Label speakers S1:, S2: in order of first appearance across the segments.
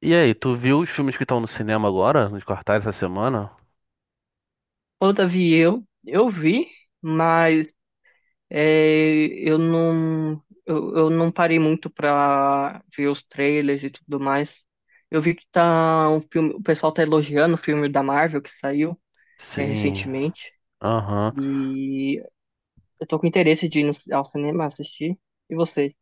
S1: E aí, tu viu os filmes que estão no cinema agora, nos cartazes essa semana?
S2: Ô, Davi, eu vi, mas é, eu não eu não parei muito pra ver os trailers e tudo mais. Eu vi que tá um filme, o pessoal tá elogiando o filme da Marvel que saiu,
S1: Sim,
S2: recentemente,
S1: aham.
S2: e eu tô com interesse de ir ao cinema assistir. E você?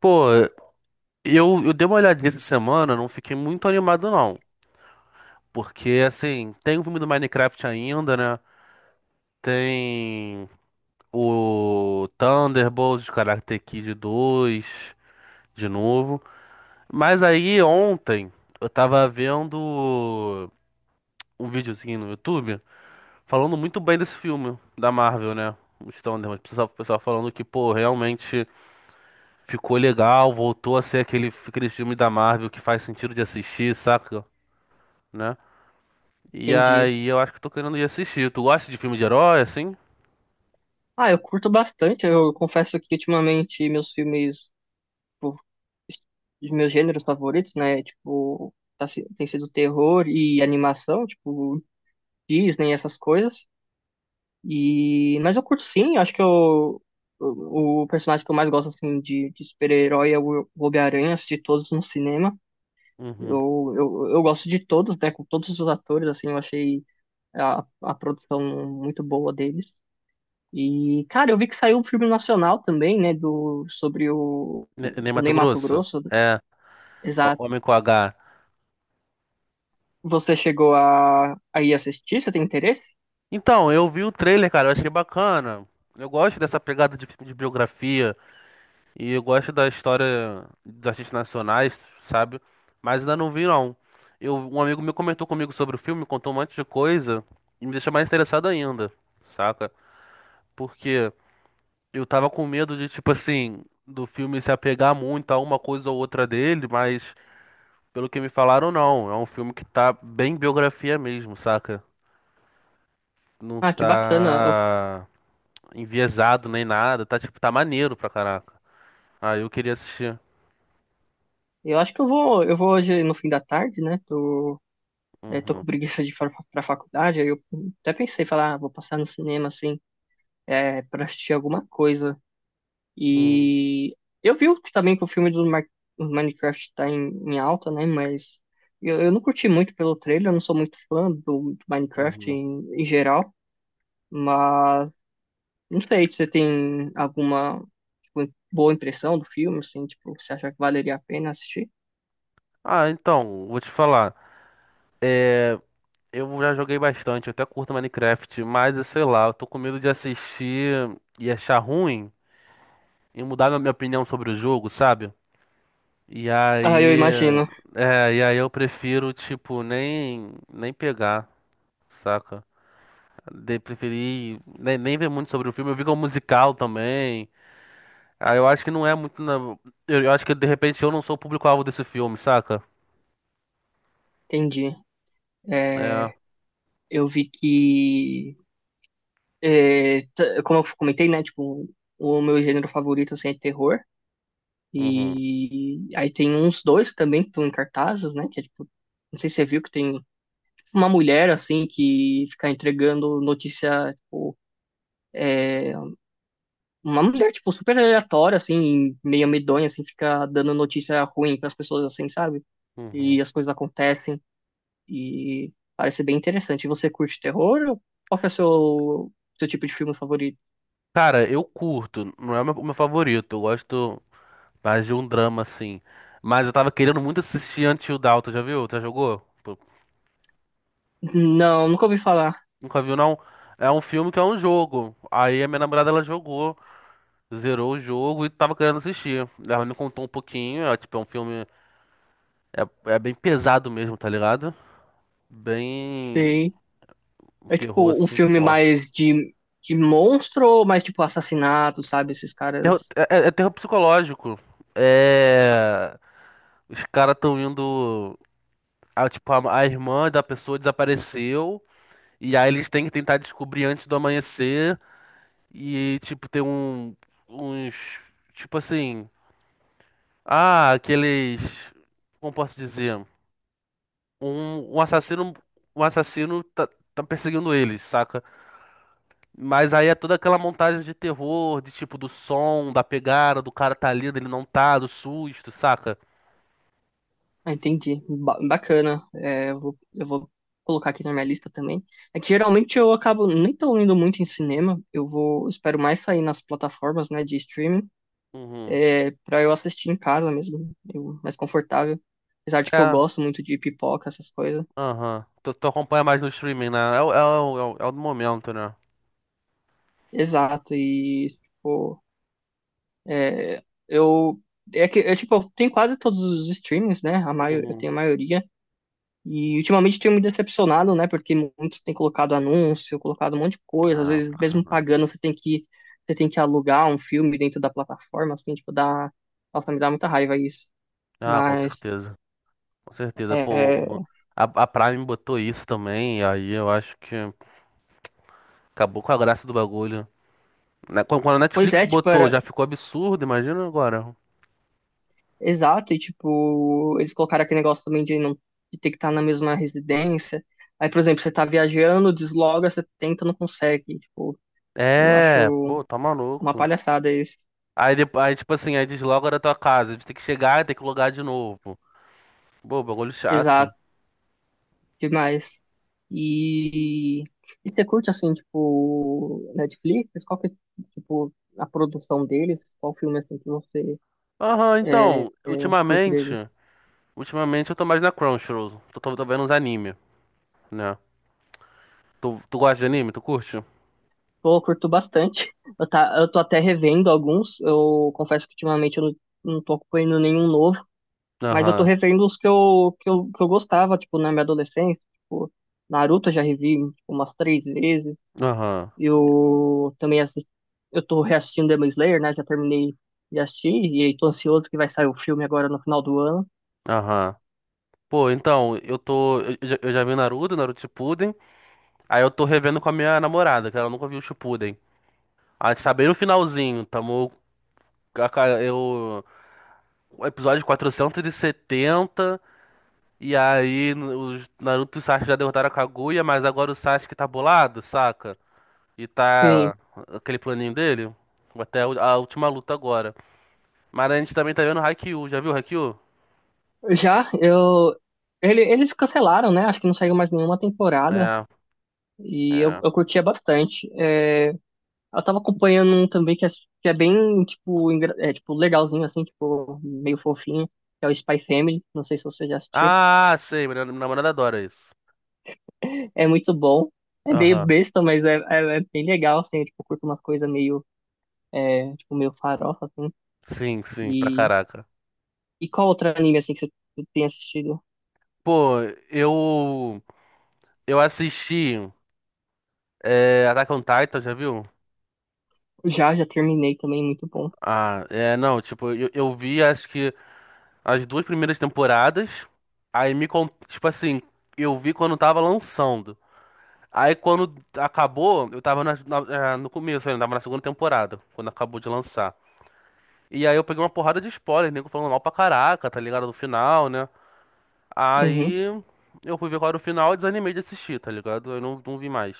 S1: Pô, eu dei uma olhadinha essa semana, não fiquei muito animado não. Porque, assim, tem o filme do Minecraft ainda, né? Tem o Thunderbolts, Karate Kid 2, de novo. Mas aí, ontem, eu tava vendo um videozinho no YouTube falando muito bem desse filme da Marvel, né? Os Thunderbolts. O pessoal falando que, pô, Ficou legal, voltou a ser aquele filme da Marvel que faz sentido de assistir, saca? Né? E
S2: Entendi.
S1: aí eu acho que tô querendo ir assistir. Tu gosta de filme de herói, assim?
S2: Ah, eu curto bastante. Eu confesso que ultimamente meus filmes, tipo, os meus gêneros favoritos, né, tipo, tem sido terror e animação, tipo Disney, essas coisas. E... Mas eu curto sim, acho que eu, o personagem que eu mais gosto assim, de super-herói é o Homem-Aranha, assisti todos no cinema.
S1: Uhum.
S2: Eu gosto de todos, né? Com todos os atores, assim, eu achei a produção muito boa deles. E, cara, eu vi que saiu um filme nacional também, né? Sobre
S1: Ney
S2: o Ney
S1: Matogrosso?
S2: Matogrosso.
S1: É,
S2: Exato.
S1: Homem com H.
S2: Você chegou a ir assistir? Você tem interesse?
S1: Então, eu vi o trailer, cara, eu achei bacana. Eu gosto dessa pegada de filme de biografia e eu gosto da história dos artistas nacionais, sabe? Mas ainda não vi, não. Um amigo meu comentou comigo sobre o filme, contou um monte de coisa e me deixou mais interessado ainda, saca? Porque Eu tava com medo de, tipo assim, do filme se apegar muito a uma coisa ou outra dele, mas pelo que me falaram, não. É um filme que tá bem biografia mesmo, saca? Não
S2: Ah, que bacana.
S1: tá enviesado nem nada, tá tipo, tá maneiro pra caraca. Ah, eu queria assistir.
S2: Eu acho que eu vou hoje no fim da tarde, né? Tô, eu tô
S1: Uhum,
S2: com preguiça de ir pra faculdade, aí eu até pensei, falar, ah, vou passar no cinema, assim, pra assistir alguma coisa.
S1: uhum,
S2: E eu vi também que o filme do Minecraft tá em alta, né? Mas eu não curti muito pelo trailer, eu não sou muito fã do Minecraft
S1: uhum.
S2: em geral. Mas não sei você tem alguma, tipo, boa impressão do filme, assim, tipo, você acha que valeria a pena assistir?
S1: Ah, então, vou te falar. É, eu já joguei bastante, eu até curto Minecraft, mas eu sei lá, eu tô com medo de assistir e achar ruim e mudar minha opinião sobre o jogo, sabe? E
S2: Ah, eu
S1: aí,
S2: imagino,
S1: e aí eu prefiro, tipo, nem pegar, saca? De preferi nem ver muito sobre o filme. Eu vi que é um musical também. Aí eu acho que não é muito. Na- Eu acho que de repente eu não sou o público-alvo desse filme, saca?
S2: entendi.
S1: É.
S2: É, eu vi que é, como eu comentei, né? Tipo, o meu gênero favorito assim, é terror.
S1: Uhum,
S2: E aí tem uns dois também que estão em cartazes, né? Que é tipo, não sei se você viu que tem uma mulher assim que fica entregando notícia, tipo, é, uma mulher tipo super aleatória assim, meio medonha assim, fica dando notícia ruim para as pessoas assim, sabe?
S1: uhum.
S2: E as coisas acontecem e parece bem interessante. E você curte terror? Ou qual que é o seu tipo de filme favorito?
S1: Cara, eu curto. Não é o meu favorito. Eu gosto mais de um drama, assim. Mas eu tava querendo muito assistir Until Dawn. Tu já viu? Tu já jogou? Pô,
S2: Não, nunca ouvi falar.
S1: nunca viu, não? É um filme que é um jogo. Aí a minha namorada ela jogou. Zerou o jogo e tava querendo assistir. Ela me contou um pouquinho, tipo, é um filme. É bem pesado mesmo, tá ligado? Bem.
S2: Sim. É
S1: Terror
S2: tipo um
S1: assim,
S2: filme
S1: forte.
S2: mais de monstro ou mais tipo assassinato, sabe? Esses caras.
S1: É terror psicológico. É. Os caras tão indo. A irmã da pessoa desapareceu. E aí eles têm que tentar descobrir antes do amanhecer. E, tipo, tem um. Uns. Tipo assim. Ah, aqueles. Como posso dizer? Um assassino, um assassino tá, tá perseguindo eles, saca? Mas aí é toda aquela montagem de terror, de tipo do som, da pegada, do cara tá ali, dele não tá, do susto, saca?
S2: Ah, entendi. Bacana. É, eu vou colocar aqui na minha lista também. É que geralmente eu acabo nem tão indo muito em cinema. Eu vou, espero mais sair nas plataformas, né, de streaming,
S1: Uhum.
S2: é, pra eu assistir em casa mesmo, mais confortável. Apesar de que eu
S1: É,
S2: gosto muito de pipoca, essas coisas.
S1: aham. Tu acompanha mais no streaming, né? É, é o do momento, né?
S2: Exato. E, tipo. É, eu, é que, é, tipo, eu tenho quase todos os streamings, né? Eu
S1: Uhum.
S2: tenho a maioria. E ultimamente tenho me decepcionado, né? Porque muitos têm colocado anúncio, colocado um monte de coisa. Às
S1: Ah, pra
S2: vezes, mesmo
S1: caralho.
S2: pagando, você tem que alugar um filme dentro da plataforma, assim, tipo, dá... Nossa, me dá muita raiva isso.
S1: Ah, com
S2: Mas,
S1: certeza. Com certeza.
S2: é,
S1: A a Prime botou isso também, e aí eu acho que acabou com a graça do bagulho. Né, quando a
S2: pois
S1: Netflix
S2: é, tipo,
S1: botou,
S2: era...
S1: já ficou absurdo, imagina agora.
S2: Exato, e tipo, eles colocaram aquele negócio também de não de ter que estar na mesma residência. Aí, por exemplo, você tá viajando, desloga, você tenta, não consegue. Tipo, eu
S1: É,
S2: acho
S1: pô, tá
S2: uma
S1: maluco.
S2: palhaçada isso.
S1: Aí, depo- aí tipo assim, aí desloga da tua casa. A gente tem que chegar e tem que logar de novo. Pô, bagulho chato.
S2: Exato, demais. E, e você curte, assim, tipo, Netflix? Qual que, é, tipo, a produção deles? Qual filme, assim, que você
S1: Aham,
S2: é, é,
S1: então,
S2: curte dele?
S1: ultimamente eu tô mais na Crunchyroll. Tô vendo uns anime, né? Tu gosta de anime? Tu curte?
S2: Pô, eu curto bastante. Eu, tá, eu tô até revendo alguns. Eu confesso que ultimamente eu não tô acompanhando nenhum novo. Mas eu tô
S1: Aham,
S2: revendo os que eu gostava, tipo, na minha adolescência. Tipo, Naruto eu já revi, tipo, umas três vezes.
S1: aham,
S2: Eu também assisti, eu tô reassistindo Demon Slayer, né? Já terminei de assistir e aí tô ansioso que vai sair o filme agora no final do ano.
S1: aham. Pô, então, eu tô. Eu já vi Naruto, Naruto Shippuden. Aí eu tô revendo com a minha namorada, que ela nunca viu o Shippuden. A gente tá bem no finalzinho, tamo. A ca- Eu. O episódio 470. E setenta. E aí, os Naruto e o Sasuke já derrotaram a Kaguya, mas agora o Sasuke tá bolado, saca? E
S2: Sim,
S1: tá aquele planinho dele. Até a a última luta agora. Mas a gente também tá vendo Haikyuu. Já viu Haikyuu?
S2: já eu eles cancelaram, né? Acho que não saiu mais nenhuma temporada
S1: É,
S2: e
S1: é.
S2: eu curtia bastante. É, eu tava acompanhando um também que é bem tipo é, tipo legalzinho assim, tipo meio fofinho, que é o Spy Family. Não sei se você já assistiu.
S1: Ah, sei. Minha namorada adora isso.
S2: É muito bom. É meio
S1: Aham.
S2: besta, mas é bem legal, assim, eu, tipo, curto uma coisa meio é, tipo, meio farofa, assim.
S1: Sim, sim, pra
S2: E,
S1: caraca.
S2: e qual outro anime, assim, que você tem assistido?
S1: Pô, eu. Eu assisti. É, Attack on Titan, já viu?
S2: Já terminei também, muito bom.
S1: Ah, é, não, tipo, eu vi, acho que as duas primeiras temporadas. Tipo assim, eu vi quando tava lançando. Aí quando acabou, eu tava no começo, ainda tava na segunda temporada, quando acabou de lançar. E aí eu peguei uma porrada de spoiler, nego falando mal pra caraca, tá ligado? Do final, né?
S2: Uhum.
S1: Aí eu fui ver qual era o final e desanimei de assistir, tá ligado? Eu não, não vi mais,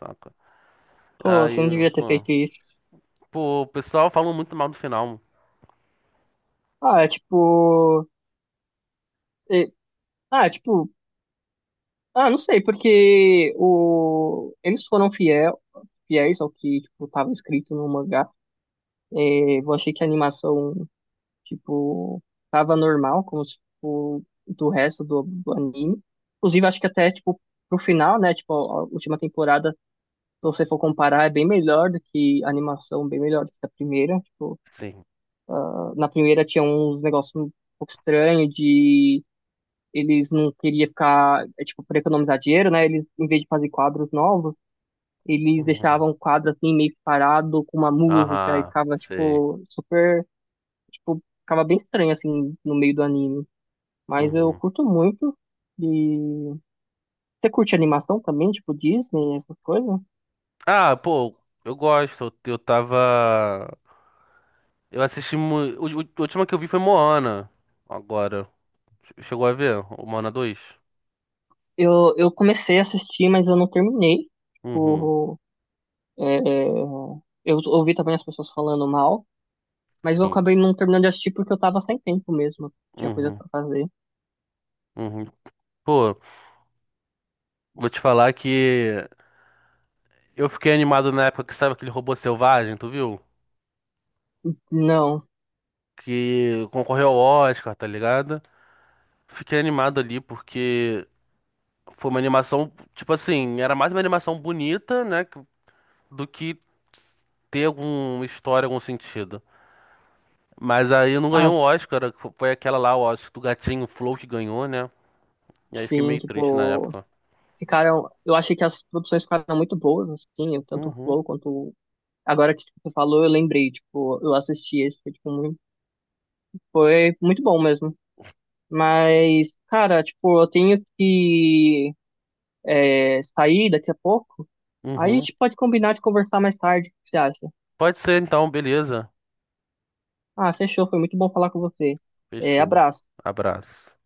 S1: saca?
S2: Pô, você não
S1: Aí,
S2: devia ter
S1: pô,
S2: feito isso.
S1: pô, o pessoal falou muito mal do final.
S2: Ah, é tipo... e- ah, é tipo... Ah, não sei, porque o... eles foram fiel, fiéis ao que, tipo, tava escrito no mangá. É, eu achei que a animação, tipo, tava normal, como, se, tipo, do resto do anime. Inclusive, acho que até, tipo, pro final, né, tipo, a última temporada, se você for comparar, é bem melhor do que a animação, bem melhor do que a primeira. Tipo,
S1: Sim.
S2: na primeira tinha uns negócios um pouco estranhos de eles não queriam ficar, é, tipo, para economizar dinheiro, né? Eles, em vez de fazer quadros novos, eles
S1: Uhum.
S2: deixavam o quadro assim meio que parado com uma música e
S1: Aham,
S2: ficava
S1: sei.
S2: tipo super, tipo, ficava bem estranho assim no meio do anime. Mas eu
S1: Uhum.
S2: curto muito. E você curte animação também, tipo Disney, essas coisas?
S1: Ah, pô, eu gosto. Eu tava. Eu assisti. Mu- o- A última que eu vi foi Moana. Agora. Chegou a ver? O Moana 2?
S2: Eu comecei a assistir, mas eu não terminei.
S1: Uhum.
S2: Tipo, É, é, eu ouvi também as pessoas falando mal, mas eu
S1: Sim.
S2: acabei não terminando de assistir porque eu tava sem tempo mesmo. Tinha coisa
S1: Uhum.
S2: pra fazer.
S1: Uhum. Pô, vou te falar que eu fiquei animado na época que sabe aquele robô selvagem, tu viu?
S2: Não.
S1: Que concorreu ao Oscar, tá ligado? Fiquei animado ali porque foi uma animação, tipo assim, era mais uma animação bonita, né, que- do que ter alguma história, algum sentido. Mas aí não
S2: Ah,
S1: ganhou o Oscar, foi aquela lá, o Oscar do gatinho Flow que ganhou, né? E aí fiquei
S2: sim,
S1: meio triste na
S2: tipo,
S1: época.
S2: ficaram. Eu achei que as produções ficaram muito boas, assim, tanto o
S1: Uhum,
S2: Flow quanto. O- Agora que você falou, eu lembrei, tipo, eu assisti esse, foi, tipo, muito, foi muito bom mesmo. Mas, cara, tipo, eu tenho que é, sair daqui a pouco. Aí a
S1: uhum.
S2: gente pode combinar de conversar mais tarde, o que você acha?
S1: Pode ser então, beleza.
S2: Ah, fechou. Foi muito bom falar com você. É,
S1: Fechou.
S2: abraço.
S1: Abraço.